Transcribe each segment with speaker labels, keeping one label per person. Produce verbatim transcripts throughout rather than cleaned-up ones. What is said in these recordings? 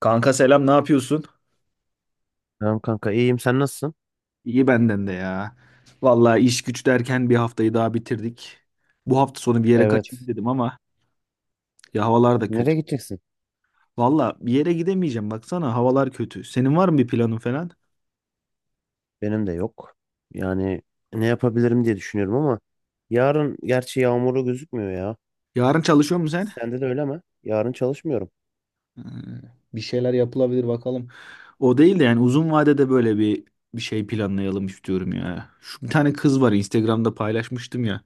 Speaker 1: Kanka selam ne yapıyorsun?
Speaker 2: Tamam kanka, iyiyim, sen nasılsın?
Speaker 1: İyi benden de ya. Vallahi iş güç derken bir haftayı daha bitirdik. Bu hafta sonu bir yere kaçayım
Speaker 2: Evet.
Speaker 1: dedim ama ya havalar da
Speaker 2: Nereye
Speaker 1: kötü.
Speaker 2: gideceksin?
Speaker 1: Vallahi bir yere gidemeyeceğim baksana havalar kötü. Senin var mı bir planın falan?
Speaker 2: Benim de yok. Yani ne yapabilirim diye düşünüyorum ama yarın gerçi yağmurlu gözükmüyor ya.
Speaker 1: Yarın çalışıyor musun sen?
Speaker 2: Sende de öyle mi? Yarın çalışmıyorum.
Speaker 1: Hmm, Bir şeyler yapılabilir bakalım. O değil de yani uzun vadede böyle bir bir şey planlayalım istiyorum ya. Şu bir tane kız var Instagram'da paylaşmıştım ya.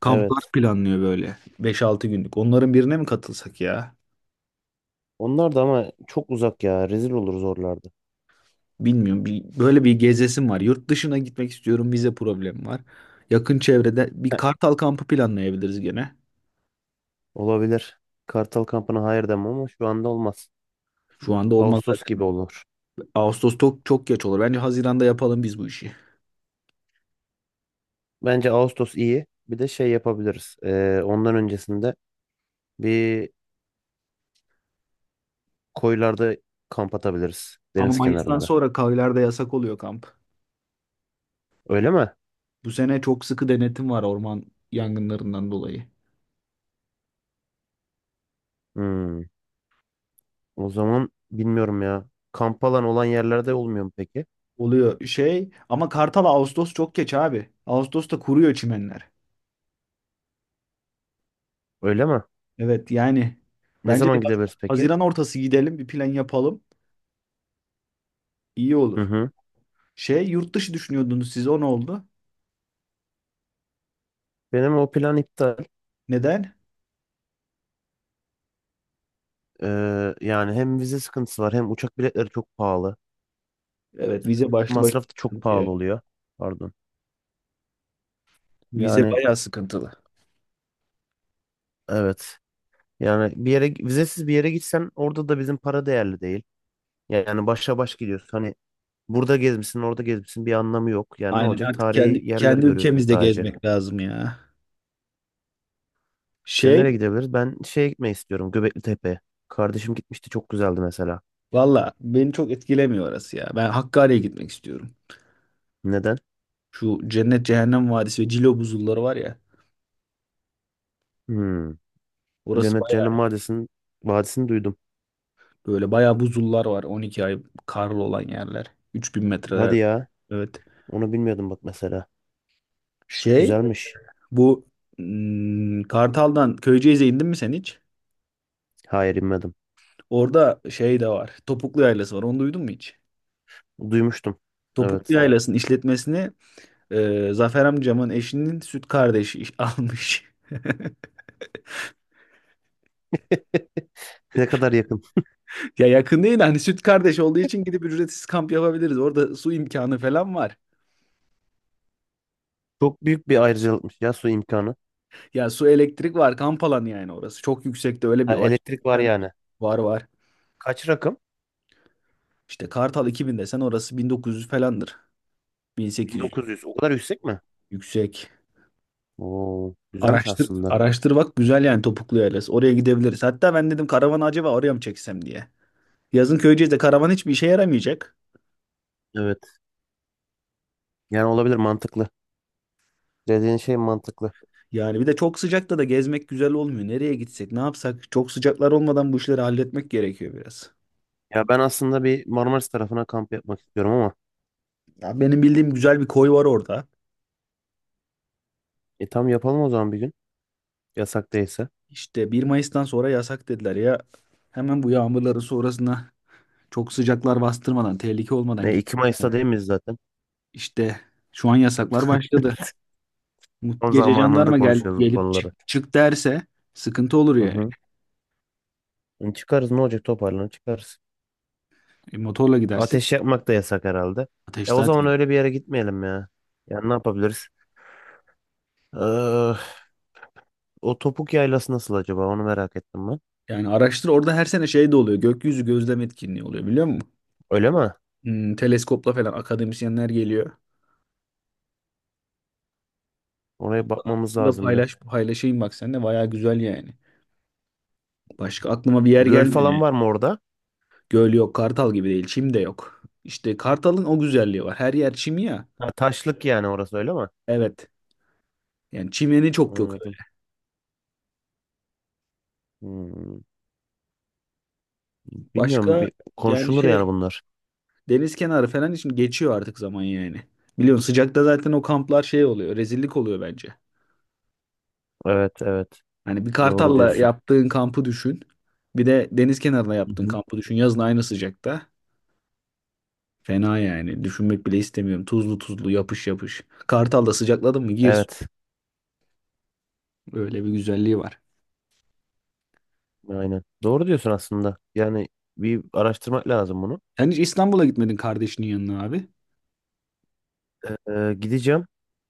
Speaker 1: Kamplar
Speaker 2: Evet.
Speaker 1: planlıyor böyle beş altı günlük. Onların birine mi katılsak ya?
Speaker 2: Onlar da ama çok uzak ya. Rezil oluruz oralarda.
Speaker 1: Bilmiyorum. Bir- böyle bir gezesim var. Yurt dışına gitmek istiyorum. Vize problemi var. Yakın çevrede bir
Speaker 2: Heh,
Speaker 1: Kartal kampı planlayabiliriz gene.
Speaker 2: olabilir. Kartal kampına hayır demem ama şu anda olmaz.
Speaker 1: Şu anda olmaz
Speaker 2: Ağustos gibi
Speaker 1: zaten.
Speaker 2: olur.
Speaker 1: Ağustos çok çok geç olur. Bence Haziran'da yapalım biz bu işi.
Speaker 2: Bence Ağustos iyi. Bir de şey yapabiliriz. Ee, ondan öncesinde bir koylarda kamp atabiliriz.
Speaker 1: Ama
Speaker 2: Deniz
Speaker 1: Mayıs'tan
Speaker 2: kenarında.
Speaker 1: sonra kayalarda yasak oluyor kamp.
Speaker 2: Öyle mi?
Speaker 1: Bu sene çok sıkı denetim var orman yangınlarından dolayı.
Speaker 2: Hmm. O zaman bilmiyorum ya. Kamp alan olan yerlerde olmuyor mu peki?
Speaker 1: Oluyor şey. Ama Kartal Ağustos çok geç abi. Ağustos'ta kuruyor çimenler.
Speaker 2: Öyle mi?
Speaker 1: Evet yani
Speaker 2: Ne
Speaker 1: bence
Speaker 2: zaman
Speaker 1: biraz
Speaker 2: gidebiliriz peki?
Speaker 1: Haziran ortası gidelim, bir plan yapalım. İyi
Speaker 2: Hı
Speaker 1: olur.
Speaker 2: hı.
Speaker 1: Şey, yurt dışı düşünüyordunuz siz, o ne oldu?
Speaker 2: Benim o plan iptal.
Speaker 1: Neden?
Speaker 2: Ee, yani hem vize sıkıntısı var hem uçak biletleri çok pahalı.
Speaker 1: Evet, vize başlı başına
Speaker 2: Masraf da çok
Speaker 1: sıkıntı ya.
Speaker 2: pahalı oluyor. Pardon.
Speaker 1: Vize
Speaker 2: Yani
Speaker 1: bayağı sıkıntılı.
Speaker 2: evet. Yani bir yere vizesiz bir yere gitsen orada da bizim para değerli değil. Yani başa baş gidiyorsun. Hani burada gezmişsin, orada gezmişsin bir anlamı yok. Yani ne
Speaker 1: Aynen,
Speaker 2: olacak?
Speaker 1: artık kendi
Speaker 2: Tarihi yerler
Speaker 1: kendi
Speaker 2: görüyorsun
Speaker 1: ülkemizde
Speaker 2: sadece.
Speaker 1: gezmek lazım ya.
Speaker 2: İşte
Speaker 1: Şey,
Speaker 2: nereye gidebiliriz? Ben şeye gitmeyi istiyorum. Göbekli Tepe. Kardeşim gitmişti. Çok güzeldi mesela.
Speaker 1: valla beni çok etkilemiyor orası ya. Ben Hakkari'ye gitmek istiyorum.
Speaker 2: Neden?
Speaker 1: Şu Cennet Cehennem Vadisi ve Cilo Buzulları var ya.
Speaker 2: Hmm.
Speaker 1: Orası
Speaker 2: Cennet Cehennem Vadisi'nin Vadisi'ni duydum.
Speaker 1: böyle bayağı buzullar var. on iki ay karlı olan yerler. Üç bin metreler.
Speaker 2: Hadi ya.
Speaker 1: Evet.
Speaker 2: Onu bilmiyordum bak mesela.
Speaker 1: Şey
Speaker 2: Güzelmiş.
Speaker 1: bu hmm, Kartal'dan Köyceğiz'e indin mi sen hiç?
Speaker 2: Hayır bilmedim.
Speaker 1: Orada şey de var. Topuklu Yaylası var. Onu duydun mu hiç?
Speaker 2: Duymuştum.
Speaker 1: Topuklu
Speaker 2: Evet.
Speaker 1: Yaylası'nın işletmesini e, Zafer amcamın eşinin süt kardeşi iş- almış.
Speaker 2: Ne kadar yakın.
Speaker 1: Ya yakın değil de hani süt kardeş olduğu için gidip ücretsiz kamp yapabiliriz. Orada su imkanı falan var.
Speaker 2: Çok büyük bir ayrıcalıkmış ya, su imkanı.
Speaker 1: Ya su elektrik var, kamp alanı yani orası. Çok yüksekte, öyle bir
Speaker 2: Ha,
Speaker 1: başka
Speaker 2: elektrik var
Speaker 1: imkanı var.
Speaker 2: yani.
Speaker 1: Var var.
Speaker 2: Kaç rakım?
Speaker 1: İşte Kartal iki bin desen orası bin dokuz yüz falandır. bin sekiz yüz,
Speaker 2: bin dokuz yüz. O kadar yüksek mi?
Speaker 1: yüksek.
Speaker 2: Oo, güzelmiş
Speaker 1: Araştır,
Speaker 2: aslında.
Speaker 1: araştır bak, güzel yani topuklu yerler. Oraya gidebiliriz. Hatta ben dedim, karavanı acaba oraya mı çeksem diye. Yazın Köyceğiz'de karavan hiçbir işe yaramayacak.
Speaker 2: Evet. Yani olabilir, mantıklı. Dediğin şey mantıklı.
Speaker 1: Yani bir de çok sıcakta da gezmek güzel olmuyor. Nereye gitsek, ne yapsak? Çok sıcaklar olmadan bu işleri halletmek gerekiyor biraz.
Speaker 2: Ya ben aslında bir Marmaris tarafına kamp yapmak istiyorum ama
Speaker 1: Ya benim bildiğim güzel bir koy var orada.
Speaker 2: E tam yapalım o zaman bir gün. Yasak değilse.
Speaker 1: İşte bir Mayıs'tan sonra yasak dediler ya. Hemen bu yağmurların sonrasına, çok sıcaklar bastırmadan, tehlike olmadan
Speaker 2: Ne iki
Speaker 1: gitmek
Speaker 2: Mayıs'ta
Speaker 1: lazım.
Speaker 2: değil miyiz zaten?
Speaker 1: İşte şu an yasaklar başladı. Mut-
Speaker 2: Tam
Speaker 1: Gece
Speaker 2: zamanında
Speaker 1: jandarma gel,
Speaker 2: konuşuyoruz bu
Speaker 1: gelip
Speaker 2: konuları.
Speaker 1: çık, çık derse sıkıntı olur
Speaker 2: Hı
Speaker 1: ya.
Speaker 2: hı. E çıkarız, ne olacak, toparlanır çıkarız.
Speaker 1: E, motorla gidersek
Speaker 2: Ateş yakmak da yasak herhalde.
Speaker 1: ateş
Speaker 2: Ya o zaman
Speaker 1: zaten.
Speaker 2: öyle bir yere gitmeyelim ya. Ya ne yapabiliriz? Ee, O topuk yaylası nasıl acaba? Onu merak ettim ben.
Speaker 1: Yani araştır, orada her sene şey de oluyor. Gökyüzü gözlem etkinliği oluyor biliyor musun?
Speaker 2: Öyle mi?
Speaker 1: Hmm, teleskopla falan akademisyenler geliyor. O
Speaker 2: Oraya
Speaker 1: da.
Speaker 2: bakmamız
Speaker 1: Bunu
Speaker 2: lazım bir.
Speaker 1: paylaş, paylaşayım bak, seninle baya güzel yani. Başka aklıma bir yer
Speaker 2: Göl
Speaker 1: gelmiyor yani.
Speaker 2: falan var mı orada?
Speaker 1: Göl yok, Kartal gibi değil, çim de yok. İşte Kartal'ın o güzelliği var. Her yer çim ya.
Speaker 2: Ha, taşlık yani orası, öyle mi?
Speaker 1: Evet. Yani çimeni çok yok öyle.
Speaker 2: Anladım. Hmm. Bilmiyorum,
Speaker 1: Başka,
Speaker 2: bir
Speaker 1: yani
Speaker 2: konuşulur yani
Speaker 1: şey.
Speaker 2: bunlar.
Speaker 1: Deniz kenarı falan için geçiyor artık zaman yani. Biliyorsun sıcakta zaten o kamplar şey oluyor. Rezillik oluyor bence.
Speaker 2: Evet, evet.
Speaker 1: Hani bir
Speaker 2: Doğru
Speaker 1: Kartal'la
Speaker 2: diyorsun.
Speaker 1: yaptığın kampı düşün. Bir de deniz kenarına
Speaker 2: Hı
Speaker 1: yaptığın
Speaker 2: hı.
Speaker 1: kampı düşün. Yazın aynı sıcakta. Fena yani. Düşünmek bile istemiyorum. Tuzlu tuzlu, yapış yapış. Kartal'da sıcakladın mı gir.
Speaker 2: Evet.
Speaker 1: Öyle bir güzelliği var.
Speaker 2: Aynen. Doğru diyorsun aslında. Yani bir araştırmak lazım bunu.
Speaker 1: Sen hiç İstanbul'a gitmedin kardeşinin yanına abi.
Speaker 2: Ee, e, gideceğim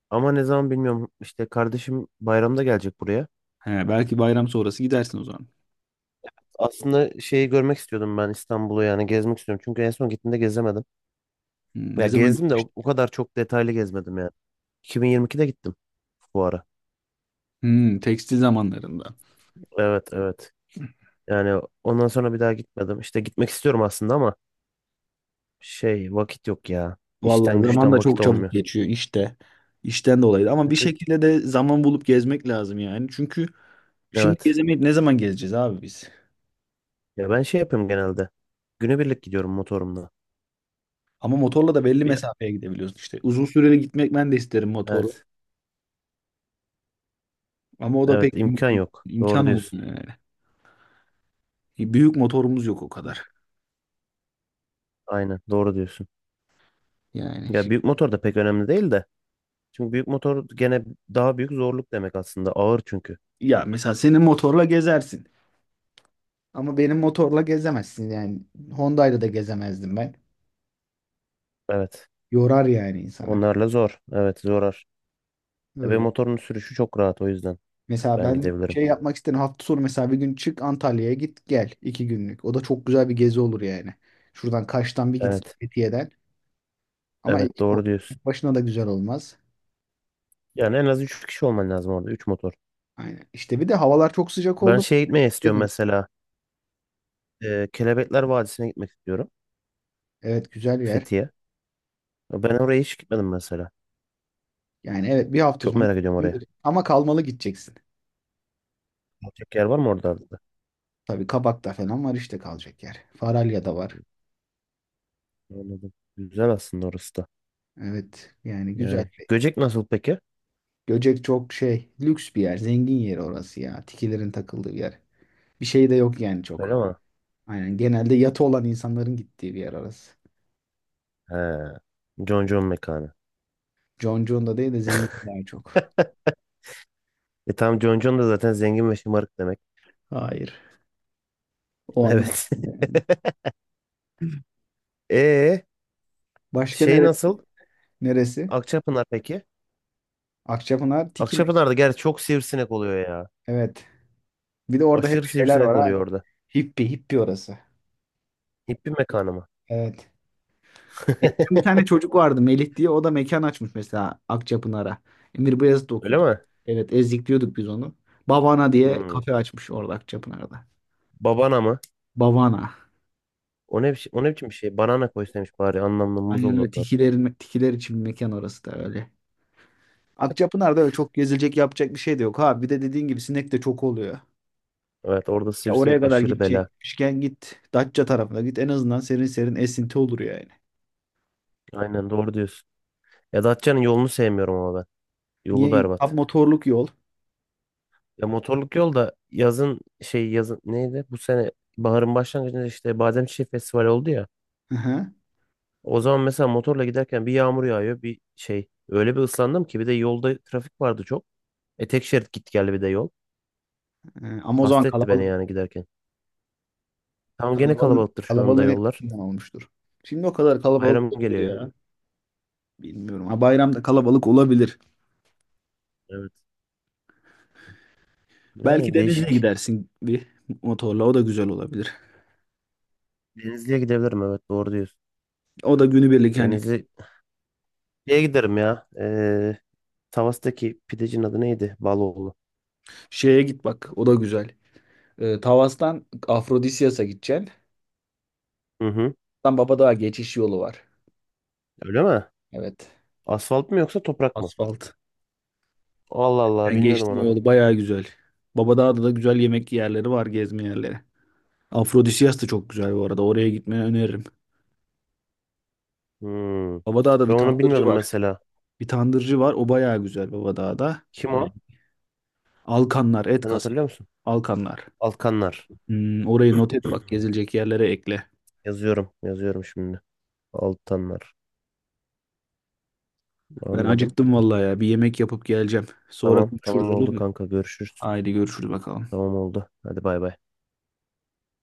Speaker 2: ama ne zaman bilmiyorum. İşte kardeşim bayramda gelecek buraya.
Speaker 1: He, belki bayram sonrası gidersin o zaman.
Speaker 2: Aslında şeyi görmek istiyordum ben, İstanbul'u yani gezmek istiyorum. Çünkü en son gittiğimde gezemedim.
Speaker 1: Hmm,
Speaker 2: Ya
Speaker 1: ne zaman
Speaker 2: gezdim de o,
Speaker 1: gitmiştin?
Speaker 2: o kadar çok detaylı gezmedim yani. iki bin yirmi ikide gittim bu ara.
Speaker 1: Hmm, tekstil zamanlarında.
Speaker 2: Evet, evet. Yani ondan sonra bir daha gitmedim. İşte gitmek istiyorum aslında ama şey, vakit yok ya.
Speaker 1: Vallahi
Speaker 2: İşten
Speaker 1: zaman
Speaker 2: güçten
Speaker 1: da çok
Speaker 2: vakit
Speaker 1: çabuk
Speaker 2: olmuyor.
Speaker 1: geçiyor işte. İşten dolayı da. Ama bir
Speaker 2: Çünkü
Speaker 1: şekilde de zaman bulup gezmek lazım yani. Çünkü şimdi
Speaker 2: evet.
Speaker 1: gezemeyip ne zaman gezeceğiz abi biz?
Speaker 2: Ya ben şey yapıyorum genelde. Günübirlik gidiyorum motorumla.
Speaker 1: Ama motorla da belli
Speaker 2: Bir-
Speaker 1: mesafeye gidebiliyoruz işte. Uzun süreli gitmek ben de isterim motorla.
Speaker 2: Evet.
Speaker 1: Ama o da
Speaker 2: Evet,
Speaker 1: pek
Speaker 2: imkan
Speaker 1: mümkün-
Speaker 2: yok.
Speaker 1: imkan
Speaker 2: Doğru diyorsun.
Speaker 1: olmuyor yani. E, büyük motorumuz yok o kadar.
Speaker 2: Aynen doğru diyorsun.
Speaker 1: Yani
Speaker 2: Ya
Speaker 1: şimdi-
Speaker 2: büyük motor da pek önemli değil de. Çünkü büyük motor gene daha büyük zorluk demek aslında. Ağır çünkü.
Speaker 1: ya mesela senin motorla gezersin. Ama benim motorla gezemezsin yani. Honda'yla da gezemezdim ben.
Speaker 2: Evet.
Speaker 1: Yorar yani insana.
Speaker 2: Onlarla zor. Evet, zorar. E, benim
Speaker 1: Öyle.
Speaker 2: motorun sürüşü çok rahat, o yüzden
Speaker 1: Mesela
Speaker 2: ben
Speaker 1: ben
Speaker 2: gidebilirim.
Speaker 1: şey yapmak isterim, hafta sonu mesela bir gün çık Antalya'ya git gel iki günlük. O da çok güzel bir gezi olur yani. Şuradan Kaş'tan bir gitsin
Speaker 2: Evet.
Speaker 1: Fethiye'den. Ama
Speaker 2: Evet,
Speaker 1: ekip ol-
Speaker 2: doğru diyorsun.
Speaker 1: tek başına da güzel olmaz.
Speaker 2: Yani en az üç kişi olman lazım orada, üç motor.
Speaker 1: Aynen. İşte bir de havalar çok sıcak
Speaker 2: Ben
Speaker 1: oldu.
Speaker 2: şeye gitmeyi
Speaker 1: Geri
Speaker 2: istiyorum
Speaker 1: dön.
Speaker 2: mesela. E, Kelebekler Vadisi'ne gitmek istiyorum.
Speaker 1: Evet, güzel bir yer.
Speaker 2: Fethiye. Ben oraya hiç gitmedim mesela.
Speaker 1: Yani evet, bir hafta
Speaker 2: Çok
Speaker 1: sonu
Speaker 2: merak ediyorum oraya.
Speaker 1: gidebiliriz. Ama kalmalı gideceksin.
Speaker 2: Gidecek yer var mı orada?
Speaker 1: Tabii Kabak'ta falan var işte kalacak yer. Faralya'da var.
Speaker 2: Anladım. Güzel aslında orası da.
Speaker 1: Evet yani güzel.
Speaker 2: Yani
Speaker 1: bir-
Speaker 2: Göcek nasıl peki?
Speaker 1: Göcek çok şey lüks bir yer. Zengin yeri orası ya. Tikilerin takıldığı bir yer. Bir şey de yok yani
Speaker 2: Öyle
Speaker 1: çok.
Speaker 2: mi?
Speaker 1: Aynen, genelde yatı olan insanların gittiği bir yer orası.
Speaker 2: He. Concon mekanı.
Speaker 1: Concuğunda değil de zenginler çok.
Speaker 2: E tam, Concon da zaten zengin ve şımarık demek.
Speaker 1: Hayır. O anlamda
Speaker 2: Evet.
Speaker 1: yani.
Speaker 2: E,
Speaker 1: Başka
Speaker 2: şey
Speaker 1: neresi?
Speaker 2: nasıl?
Speaker 1: Neresi?
Speaker 2: Akçapınar peki?
Speaker 1: Akçapınar, Tikimik.
Speaker 2: Akçapınar'da gerçi çok sivrisinek oluyor ya.
Speaker 1: Evet. Bir de orada hep
Speaker 2: Aşırı
Speaker 1: şeyler
Speaker 2: sivrisinek
Speaker 1: var ha.
Speaker 2: oluyor orada.
Speaker 1: Hippi, hippi orası.
Speaker 2: Hippi mekanı mı?
Speaker 1: Evet. Eskiden bir tane çocuk vardı Melih diye. O da mekan açmış mesela Akçapınar'a. Emir Beyazıt
Speaker 2: Öyle
Speaker 1: okuyordu.
Speaker 2: mi?
Speaker 1: Evet, ezikliyorduk biz onu. Bavana diye
Speaker 2: Hmm.
Speaker 1: kafe açmış orada Akçapınar'da.
Speaker 2: Babana mı?
Speaker 1: Bavana.
Speaker 2: O ne, biçim, o ne biçim bir şey? Banana koysaymış bari, anlamlı muz
Speaker 1: Aynen öyle,
Speaker 2: olurdu adı.
Speaker 1: tikilerin, tikiler için bir mekan orası da öyle. Akçapınar'da öyle çok gezilecek, yapacak bir şey de yok abi. Bir de dediğin gibi sinek de çok oluyor.
Speaker 2: Evet, orada
Speaker 1: Ya oraya
Speaker 2: sivrisinek
Speaker 1: kadar
Speaker 2: aşırı bela.
Speaker 1: gidecekmişken git Datça tarafına git. En azından serin serin esinti olur yani.
Speaker 2: Aynen doğru diyorsun. Ya Datça'nın yolunu sevmiyorum ama yolu
Speaker 1: Niye? Tam
Speaker 2: berbat.
Speaker 1: motorluk yol.
Speaker 2: Ya motorluk yol da yazın, şey, yazın neydi? Bu sene baharın başlangıcında işte Bademçiçeği Festivali oldu ya.
Speaker 1: Hı hı.
Speaker 2: O zaman mesela motorla giderken bir yağmur yağıyor bir şey. Öyle bir ıslandım ki, bir de yolda trafik vardı çok. E tek şerit gitti geldi bir de yol.
Speaker 1: Ee, Ama o zaman
Speaker 2: Hasta etti beni
Speaker 1: kalabalık
Speaker 2: yani giderken. Tam gene
Speaker 1: kalabalık
Speaker 2: kalabalıktır şu anda
Speaker 1: kalabalığın
Speaker 2: yollar.
Speaker 1: etkisinden olmuştur. Şimdi o kadar kalabalık
Speaker 2: Bayram
Speaker 1: değildir
Speaker 2: geliyor.
Speaker 1: ya. Bilmiyorum. Ha, bayramda kalabalık olabilir.
Speaker 2: Evet.
Speaker 1: Belki
Speaker 2: Yani
Speaker 1: denize
Speaker 2: değişik.
Speaker 1: gidersin bir motorla. O da güzel olabilir.
Speaker 2: Denizli'ye gidebilirim, evet, doğru diyorsun.
Speaker 1: O da günübirlik, hani
Speaker 2: Denizli Şeye giderim ya. Ee, Tavas'taki pidecin adı neydi? Baloğlu.
Speaker 1: şeye git bak. O da güzel. Ee, Tavas'tan Afrodisyas'a gideceksin.
Speaker 2: Hı hı.
Speaker 1: Tam Babadağ geçiş yolu var.
Speaker 2: Öyle mi?
Speaker 1: Evet.
Speaker 2: Asfalt mı yoksa toprak mı?
Speaker 1: Asfalt.
Speaker 2: Allah Allah,
Speaker 1: Ben
Speaker 2: bilmiyordum
Speaker 1: geçtim o
Speaker 2: onu.
Speaker 1: yolu, bayağı güzel. Babadağ'da da güzel yemek yerleri var, gezme yerleri. Afrodisiyas da çok güzel bu arada. Oraya gitmeni öneririm.
Speaker 2: Hmm.
Speaker 1: Babadağ'da
Speaker 2: Ben
Speaker 1: bir
Speaker 2: onu
Speaker 1: tandırcı
Speaker 2: bilmiyordum
Speaker 1: var.
Speaker 2: mesela.
Speaker 1: Bir tandırcı var. O bayağı güzel Babadağ'da.
Speaker 2: Kim
Speaker 1: Yani
Speaker 2: o?
Speaker 1: Alkanlar, et
Speaker 2: Adını
Speaker 1: kasap.
Speaker 2: hatırlıyor musun?
Speaker 1: Alkanlar.
Speaker 2: Alkanlar.
Speaker 1: Hmm, orayı not et bak, gezilecek yerlere ekle.
Speaker 2: Yazıyorum. Yazıyorum şimdi. Altanlar.
Speaker 1: Ben
Speaker 2: Anladım.
Speaker 1: acıktım vallahi ya. Bir yemek yapıp geleceğim. Sonra
Speaker 2: Tamam.
Speaker 1: konuşuruz,
Speaker 2: Tamam,
Speaker 1: olur
Speaker 2: oldu
Speaker 1: mu?
Speaker 2: kanka. Görüşürüz.
Speaker 1: Haydi görüşürüz bakalım.
Speaker 2: Tamam, oldu. Hadi bay bay.